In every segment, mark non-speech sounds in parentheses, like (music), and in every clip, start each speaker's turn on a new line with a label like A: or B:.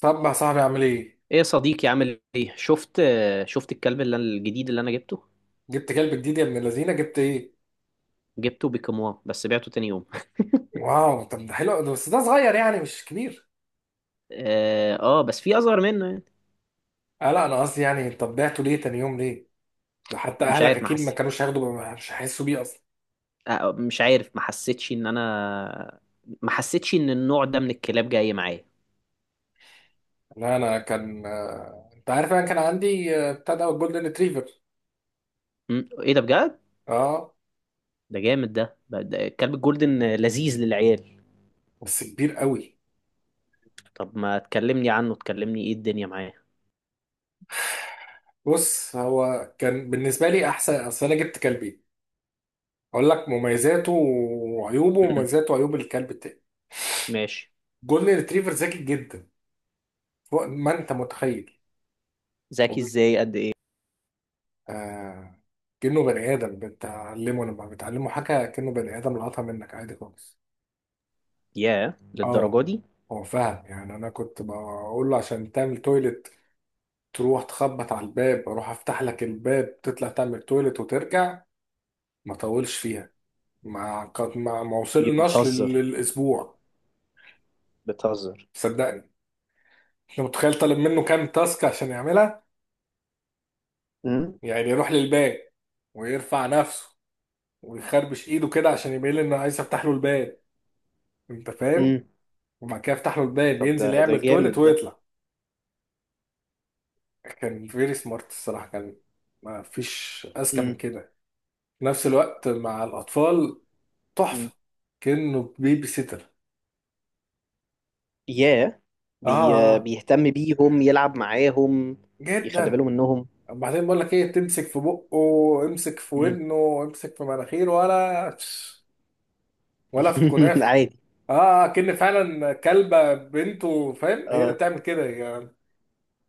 A: طب يا صاحبي اعمل ايه؟
B: ايه يا صديقي، عامل ايه؟ شفت الكلب الجديد اللي انا جبته
A: جبت كلب جديد يا ابن اللذينه، جبت ايه؟
B: جبته بكمواه، بس بعته تاني يوم. (laughs)
A: واو، طب ده حلو بس ده صغير، يعني مش كبير.
B: اه، آه، بس في اصغر منه يعني.
A: آه، لا، انا قصدي يعني، طب بعته ليه تاني يوم، ليه؟ ده حتى
B: مش
A: اهلك
B: عارف ما
A: اكيد ما
B: حس...
A: كانوش هياخدوا مش هيحسوا بيه اصلا.
B: مش عارف ما حسيتش ان النوع ده من الكلاب جاي معايا.
A: لا، انا كان، انت عارف انا كان عندي، بتاع ده جولدن ريتريفر.
B: مم، ايه ده بجد؟
A: اه.
B: ده جامد، ده ده الكلب الجولدن لذيذ للعيال.
A: بس كبير قوي.
B: طب ما تكلمني عنه، تكلمني ايه الدنيا معاه؟
A: بص، هو كان بالنسبه لي احسن، اصل انا جبت كلبين، اقول لك مميزاته وعيوبه
B: مم،
A: ومميزاته وعيوب الكلب التاني.
B: ماشي.
A: جولدن ريتريفر ذكي جدا، فوق ما انت متخيل.
B: ذكي ازاي؟ قد ايه؟
A: آه. كأنه بني آدم، بتعلمه لما بتعلمه حاجة كأنه بني آدم لقطها منك عادي خالص.
B: ياه، للدرجة
A: اه.
B: دي؟
A: هو فاهم، يعني أنا كنت بقول له عشان تعمل تويلت، تروح تخبط على الباب، أروح أفتح لك الباب، تطلع تعمل تويلت وترجع، ما طولش فيها. ما قد ما وصلناش
B: بتهزر،
A: للأسبوع.
B: بتهزر!
A: صدقني. أنت متخيل طالب منه كام تاسك عشان يعملها؟
B: امم.
A: يعني يروح للباب، ويرفع نفسه، ويخربش إيده كده عشان يبين لي إنه عايز أفتح له الباب، أنت فاهم، وبعد كده يفتح له الباب،
B: طب، ده
A: ينزل
B: ده
A: يعمل تويلت
B: جامد ده.
A: ويطلع. كان فيري سمارت الصراحة، كان ما فيش أذكى من
B: امم.
A: كده. في نفس الوقت مع الأطفال
B: امم.
A: تحفة، كأنه بيبي سيتر.
B: ياه.
A: آه،
B: بي
A: آه، آه،
B: بيهتم بيهم، يلعب معاهم. يخلي
A: جدا.
B: باله منهم.
A: وبعدين بقول لك إيه، تمسك في بقه، امسك في
B: امم.
A: ودنه، امسك في مناخيره، ولا (sniffs) ولا في
B: (laughs)
A: الكنافة.
B: عادي.
A: آه، آه، آه، كأن فعلا كلبة بنته، فاهم، هي اللي
B: اه.
A: بتعمل كده يعني.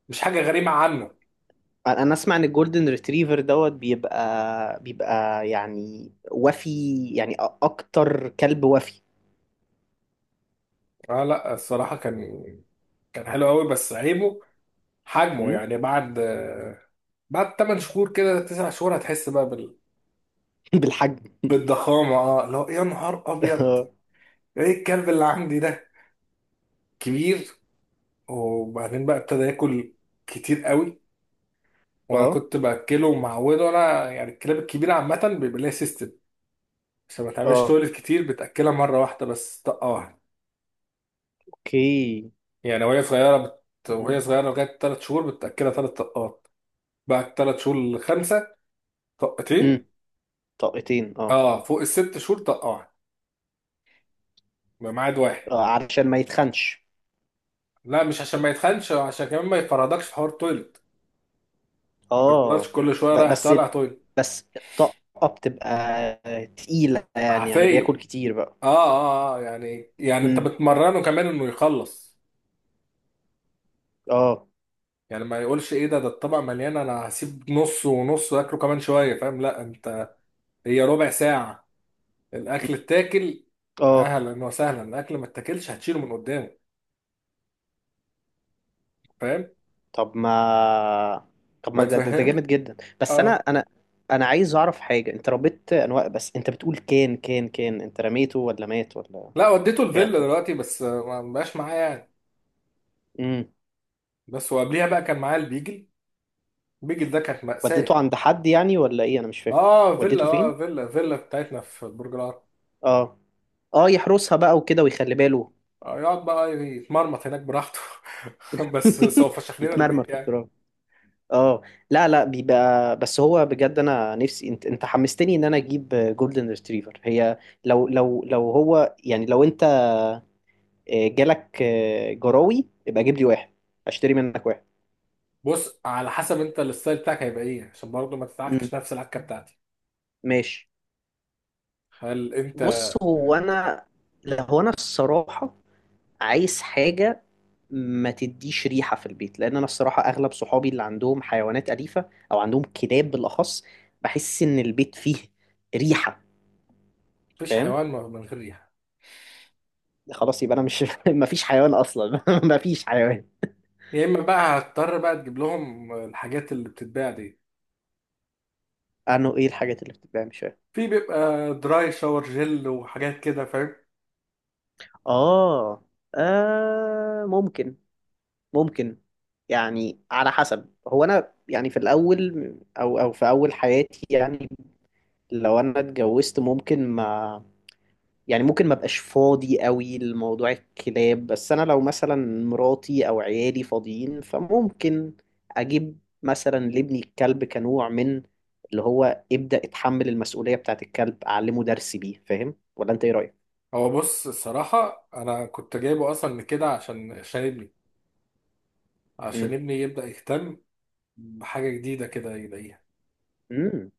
A: مش حاجة غريبة عنه.
B: انا اسمع ان الجولدن ريتريفر دوت بيبقى يعني وفي، يعني أ- اكتر كلب وفي.
A: آه، لا، الصراحة كان، كان حلو قوي، بس عيبه حجمه
B: امم.
A: يعني. بعد 8 شهور كده، 9 شهور، هتحس بقى
B: (laughs) بالحجم.
A: بالضخامة. اه، لو، يا نهار ابيض.
B: اه،
A: ايه الكلب اللي عندي ده، كبير. وبعدين بقى ابتدى ياكل كتير قوي. وانا
B: اه،
A: كنت باكله ومعوده، انا يعني الكلاب الكبيرة عامة بيبقى ليها سيستم عشان ما تعملش
B: اه،
A: تولد كتير، بتاكلها مرة واحدة بس، طقة واحدة.
B: اوكي.
A: يعني
B: امم،
A: وهي صغيرة لغاية 3 شهور بتاكلها 3 طقات. بعد 3 شهور لـ5،
B: امم.
A: طقتين.
B: طاقتين، اه.
A: اه. فوق الـ6 شهور طقة واحدة، بميعاد واحد.
B: آه، علشان ما يتخنش.
A: لا، مش عشان ما يتخنش، عشان كمان ما يفرضكش في حوار تويلت، ما يفضلش
B: اه،
A: كل شويه
B: ب-
A: رايح
B: بس
A: طالع تويلت.
B: بس الطاقة بتبقى تقيلة، يعني بياكل
A: عافيه.
B: كتير بقى.
A: اه يعني انت
B: امم،
A: بتمرنه كمان انه يخلص،
B: اه،
A: يعني ما يقولش ايه ده الطبق مليان انا هسيب نص ونص واكله كمان شويه، فاهم؟ لا انت، هي ربع ساعه،
B: امم،
A: الاكل اتاكل.
B: اه.
A: اهلا وسهلا. الاكل ما اتاكلش، هتشيله من قدامه، فاهم.
B: طب ما طب ما ده
A: بتفهم.
B: جامد جدا، بس انا
A: اه.
B: انا انا عايز اعرف حاجة. انت ربيت انواع، بس انت بتقول كان انت رميته ولا مات ولا
A: لا، وديته الفيلا
B: بعته.
A: دلوقتي، بس، ما بقاش معايا يعني.
B: امم.
A: بس وقبليها بقى كان معايا البيجل. البيجل ده كانت مأساة.
B: وديته عند حد يعني ولا ايه؟ انا مش فاهم.
A: اه فيلا،
B: وديته فين؟
A: اه فيلا، فيلا بتاعتنا في برج العرب.
B: اه، اه، يحرسها بقى وكده، ويخلي باله.
A: آه، يقعد بقى يتمرمط هناك براحته، (laughs) بس سوف فشخ
B: (laughs)
A: لنا
B: يتمرمى
A: البيت
B: في
A: يعني.
B: التراب، اه. لا، لا، بيبقى، بس هو بجد انا نفسي، انت حمستني ان انا اجيب جولدن ريتريفر. هي لو هو يعني، لو انت جالك جراوي يبقى جيب لي واحد، اشتري منك واحد.
A: بص، على حسب انت الستايل بتاعك هيبقى ايه، عشان برضه ما
B: امم،
A: تتعكش نفس العكه بتاعتي.
B: ماشي.
A: هل
B: بص،
A: انت،
B: هو انا الصراحة عايز حاجة ما تديش ريحة في البيت، لان انا الصراحة اغلب صحابي اللي عندهم حيوانات أليفة او عندهم كلاب بالاخص، بحس ان البيت فيه ريحة.
A: مفيش
B: فاهم.
A: حيوان من غير ريحه.
B: خلاص، يبقى انا مش (laughs) مفيش حيوان اصلا. (laughs) مفيش حيوان.
A: يا اما بقى هتضطر بقى تجيب لهم الحاجات اللي بتتباع دي.
B: عنه؟ ايه الحاجات اللي بتتباع؟ مش فاهم.
A: في بيبقى دراي شاور جل وحاجات كده، فاهم.
B: آه. اه، ممكن، ممكن. يعني على حسب، هو انا يعني في الاول او في اول حياتي يعني، لو انا اتجوزت ممكن ما. يعني ممكن ما بقاش فاضي قوي لموضوع الكلاب، بس انا لو مثلا مراتي او عيالي فاضيين، فممكن اجيب مثلا لابني الكلب كنوع من اللي هو ابدأ اتحمل المسؤولية بتاعت الكلب، اعلمه درس بيه. فاهم، ولا انت ايه رأيك؟
A: هو بص، الصراحه انا كنت جايبه اصلا من كده، عشان ابني عشان
B: امم،
A: ابني يبدا يهتم بحاجه جديده كده يلاقيها،
B: امم.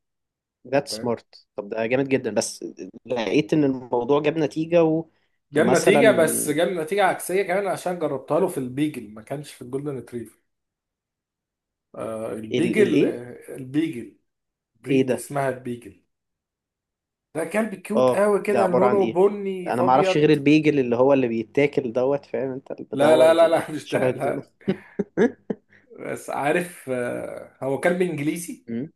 B: ذات
A: فاهم؟
B: سمارت. طب ده جامد جدا، بس لقيت ان الموضوع جاب نتيجة
A: جاب
B: ومثلا
A: نتيجة، بس جاب نتيجة عكسية كمان، عشان جربتها له في البيجل، ما كانش في الجولدن ريتريفر. آه
B: الايه؟
A: البيجل،
B: ايه؟ إيه
A: بريد
B: ده؟
A: اسمها البيجل. ده كلب كيوت
B: اه،
A: قوي
B: ده
A: كده،
B: عبارة عن
A: لونه
B: ايه؟
A: بني
B: انا
A: في
B: ما اعرفش
A: ابيض.
B: غير البيجل اللي هو اللي بيتاكل، دوت فاهم انت؟ اللي
A: لا
B: بدور
A: لا لا لا، مش
B: شبه
A: ده
B: الدونة.
A: لا.
B: (laughs)
A: بس عارف، آه، هو كلب انجليزي،
B: أمم،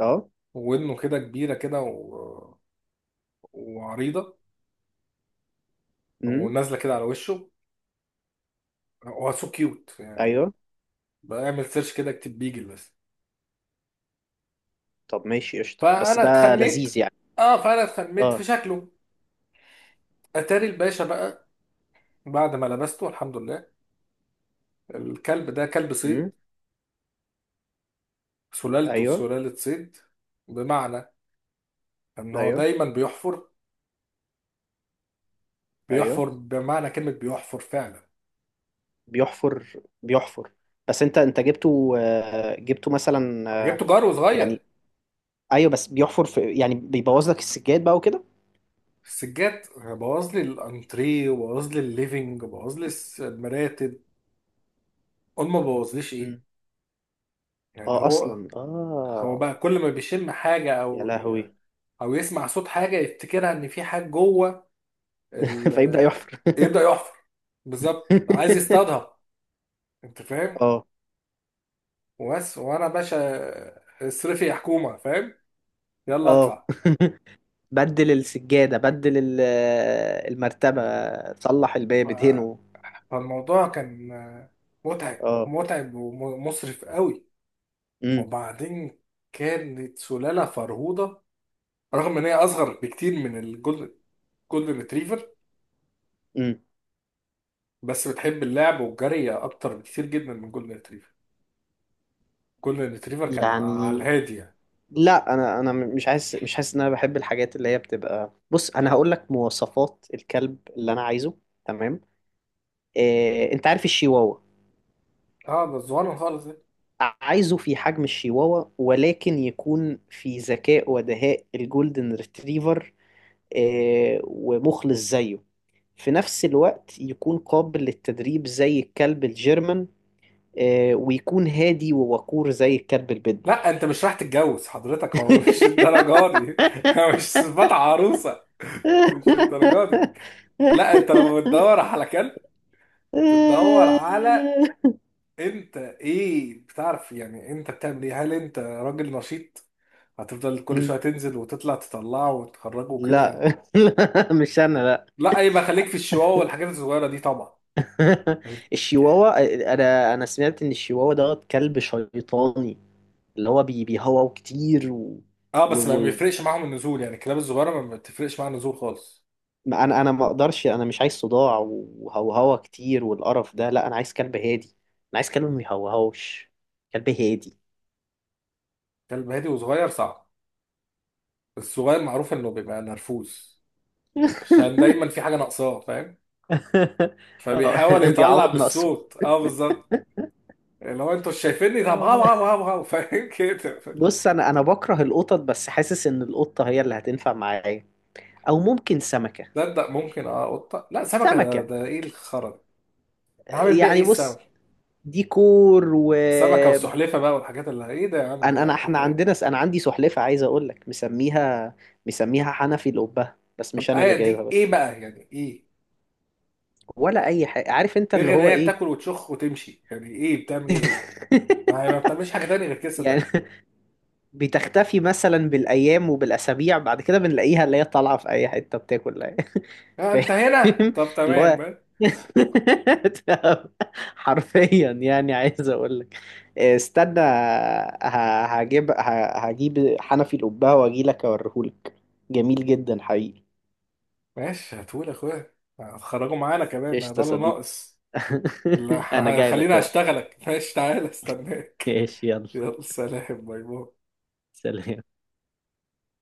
B: اه،
A: ودنه كده كبيرة كده و... وعريضة
B: امم،
A: ونازلة كده على وشه، هو سو كيوت يعني.
B: ايوه.
A: بعمل سيرش كده، اكتب بيجل بس.
B: طب ماشي، قشطة، بس
A: فأنا
B: ده
A: اتخميت.
B: لذيذ يعني.
A: اه. فأنا اتخميت في
B: اه،
A: شكله. اتاري الباشا بقى، بعد ما لبسته الحمد لله، الكلب ده كلب
B: امم،
A: صيد، سلالته
B: ايوه،
A: سلالة صيد، بمعنى ان هو
B: ايوه،
A: دايما بيحفر. بيحفر
B: ايوه.
A: بمعنى كلمة بيحفر فعلا.
B: بيحفر، بيحفر. بس انت جبته، جبته مثلا،
A: انا جبته جار
B: يعني،
A: وصغير.
B: ايوه، بس بيحفر في، يعني بيبوظ لك السجاد بقى وكده.
A: السجاد بوظ لي الانتريه وبوظ لي الليفينج وبوظ لي المراتب. قول ما بوظليش ايه.
B: مم.
A: يعني
B: اه،
A: هو
B: اصلا،
A: هو
B: اه.
A: بقى كل ما بيشم حاجة،
B: يا
A: او
B: لهوي!
A: او يسمع صوت حاجة، يفتكرها ان في حاجة جوه
B: (laughs) فيبدأ
A: ال...
B: يحفر.
A: يبدأ يحفر. بالظبط، عايز
B: (laughs)
A: يصطادها. انت فاهم.
B: اه،
A: وبس. وانا باشا اصرفي يا حكومه، فاهم، يلا
B: اه.
A: ادفع.
B: (laughs) بدل السجادة، بدل المرتبة، صلح
A: ف-
B: الباب، ادهنه.
A: فالموضوع كان متعب.
B: اه،
A: متعب ومصرف قوي.
B: امم،
A: وبعدين، كانت سلاله فرهوده، رغم ان هي اصغر بكتير من الجولدن، جولدن ريتريفر،
B: امم.
A: بس بتحب اللعب والجري اكتر بكتير جدا من جولدن ريتريفر. جولدن ريتريفر كان على
B: يعني
A: الهادي يعني.
B: لا، انا مش حاسس ان انا بحب الحاجات اللي هي بتبقى. بص، انا هقول لك مواصفات الكلب اللي انا عايزه. تمام؟ إيه، انت عارف الشيواوا؟
A: اه، بس صغير خالص يعني.
B: عايزه في حجم الشيواوا، ولكن يكون في ذكاء ودهاء الجولدن ريتريفر، ومخلص زيه، في نفس الوقت يكون قابل للتدريب زي الكلب الجيرمان، ويكون هادي ووقور زي الكلب البيتبول.
A: لا، انت مش رايح تتجوز حضرتك، هو مش
B: (laughs)
A: الدرجه دي. (laughs) مش صفات عروسه، مش الدرجات. لا، انت لما بتدور على كلب، بتدور على انت ايه، بتعرف يعني، انت بتعمل ايه، هل انت راجل نشيط هتفضل كل شويه تنزل وتطلع، تطلعه وتخرجه
B: لا،
A: وكده؟
B: (laughs) لا، مش انا، لا.
A: لا، يبقى خليك في الشواء والحاجات الصغيره دي طبعا.
B: (laughs)
A: ال-
B: الشيواوا، انا سمعت ان الشيواوا ده كلب شيطاني، اللي هو بيهوهو كتير
A: اه، بس ما
B: و...
A: بيفرقش معاهم النزول، يعني الكلاب الصغيره ما بتفرقش معاها النزول خالص.
B: ما انا ما اقدرش. انا مش عايز صداع وهوهوة كتير والقرف ده، لا، انا عايز كلب هادي، انا عايز كلب ما بيهوهوش. كلب هادي.
A: كلب هادي وصغير صعب. الصغير معروف انه بيبقى نرفوز، عشان
B: (laughs)
A: دايما في حاجه ناقصاه، فاهم، فبيحاول
B: آه،
A: يطلع
B: بيعوض نقصه.
A: بالصوت. اه بالظبط. اللي هو انتوا شايفيني، طب، هاو هاو هاو هاو. (laughs) فاهم كده.
B: بص، انا بكره القطط، بس حاسس ان القطه هي اللي هتنفع معايا، او ممكن سمكه.
A: تصدق ممكن، اه قطه، لا سمكه، ده,
B: سمكه،
A: ده ايه الخرا. انا هعمل بيها ايه
B: يعني بص،
A: السمكه.
B: ديكور و
A: سمكه وسحلفه بقى والحاجات اللي ايه، ده يا عم،
B: انا
A: لا دي
B: احنا
A: خيال.
B: عندنا، انا عندي سلحفاه، عايز اقول لك مسميها حنفي، لقبها، بس
A: طب
B: مش انا اللي
A: هي
B: جايبها
A: دي ايه
B: بس
A: بقى يعني، ايه
B: ولا اي حاجه. عارف انت
A: ده
B: اللي
A: غير
B: هو
A: ان هي
B: ايه؟
A: بتاكل وتشخ وتمشي، يعني ايه بتعمل ايه هي؟ ما هي ما
B: (laughs)
A: بتعملش حاجه تانية غير كده،
B: يعني
A: صدق.
B: بتختفي مثلا بالايام وبالاسابيع، بعد كده بنلاقيها اللي هي طالعه في اي حته بتاكل. (laughs)
A: اه، انت
B: فاهم،
A: هنا، طب
B: اللي
A: تمام
B: هو،
A: بقى.
B: (laughs) حرفيا يعني، عايز اقول لك استنى، هجيب حنفي القبه واجي لك اوريهولك. جميل جدا، حقيقي.
A: ماشي، هتقول يا اخويا هتخرجوا معانا كمان،
B: قشطة
A: ده
B: يا
A: اللي
B: صديقي.
A: ناقص.
B: (laughs) انا
A: لا، (laughs)
B: جاي لك
A: خليني
B: اهو.
A: اشتغلك، ماشي، تعالى استناك.
B: ايش، يلا،
A: (laughs) يلا، سلام، باي باي.
B: سلام.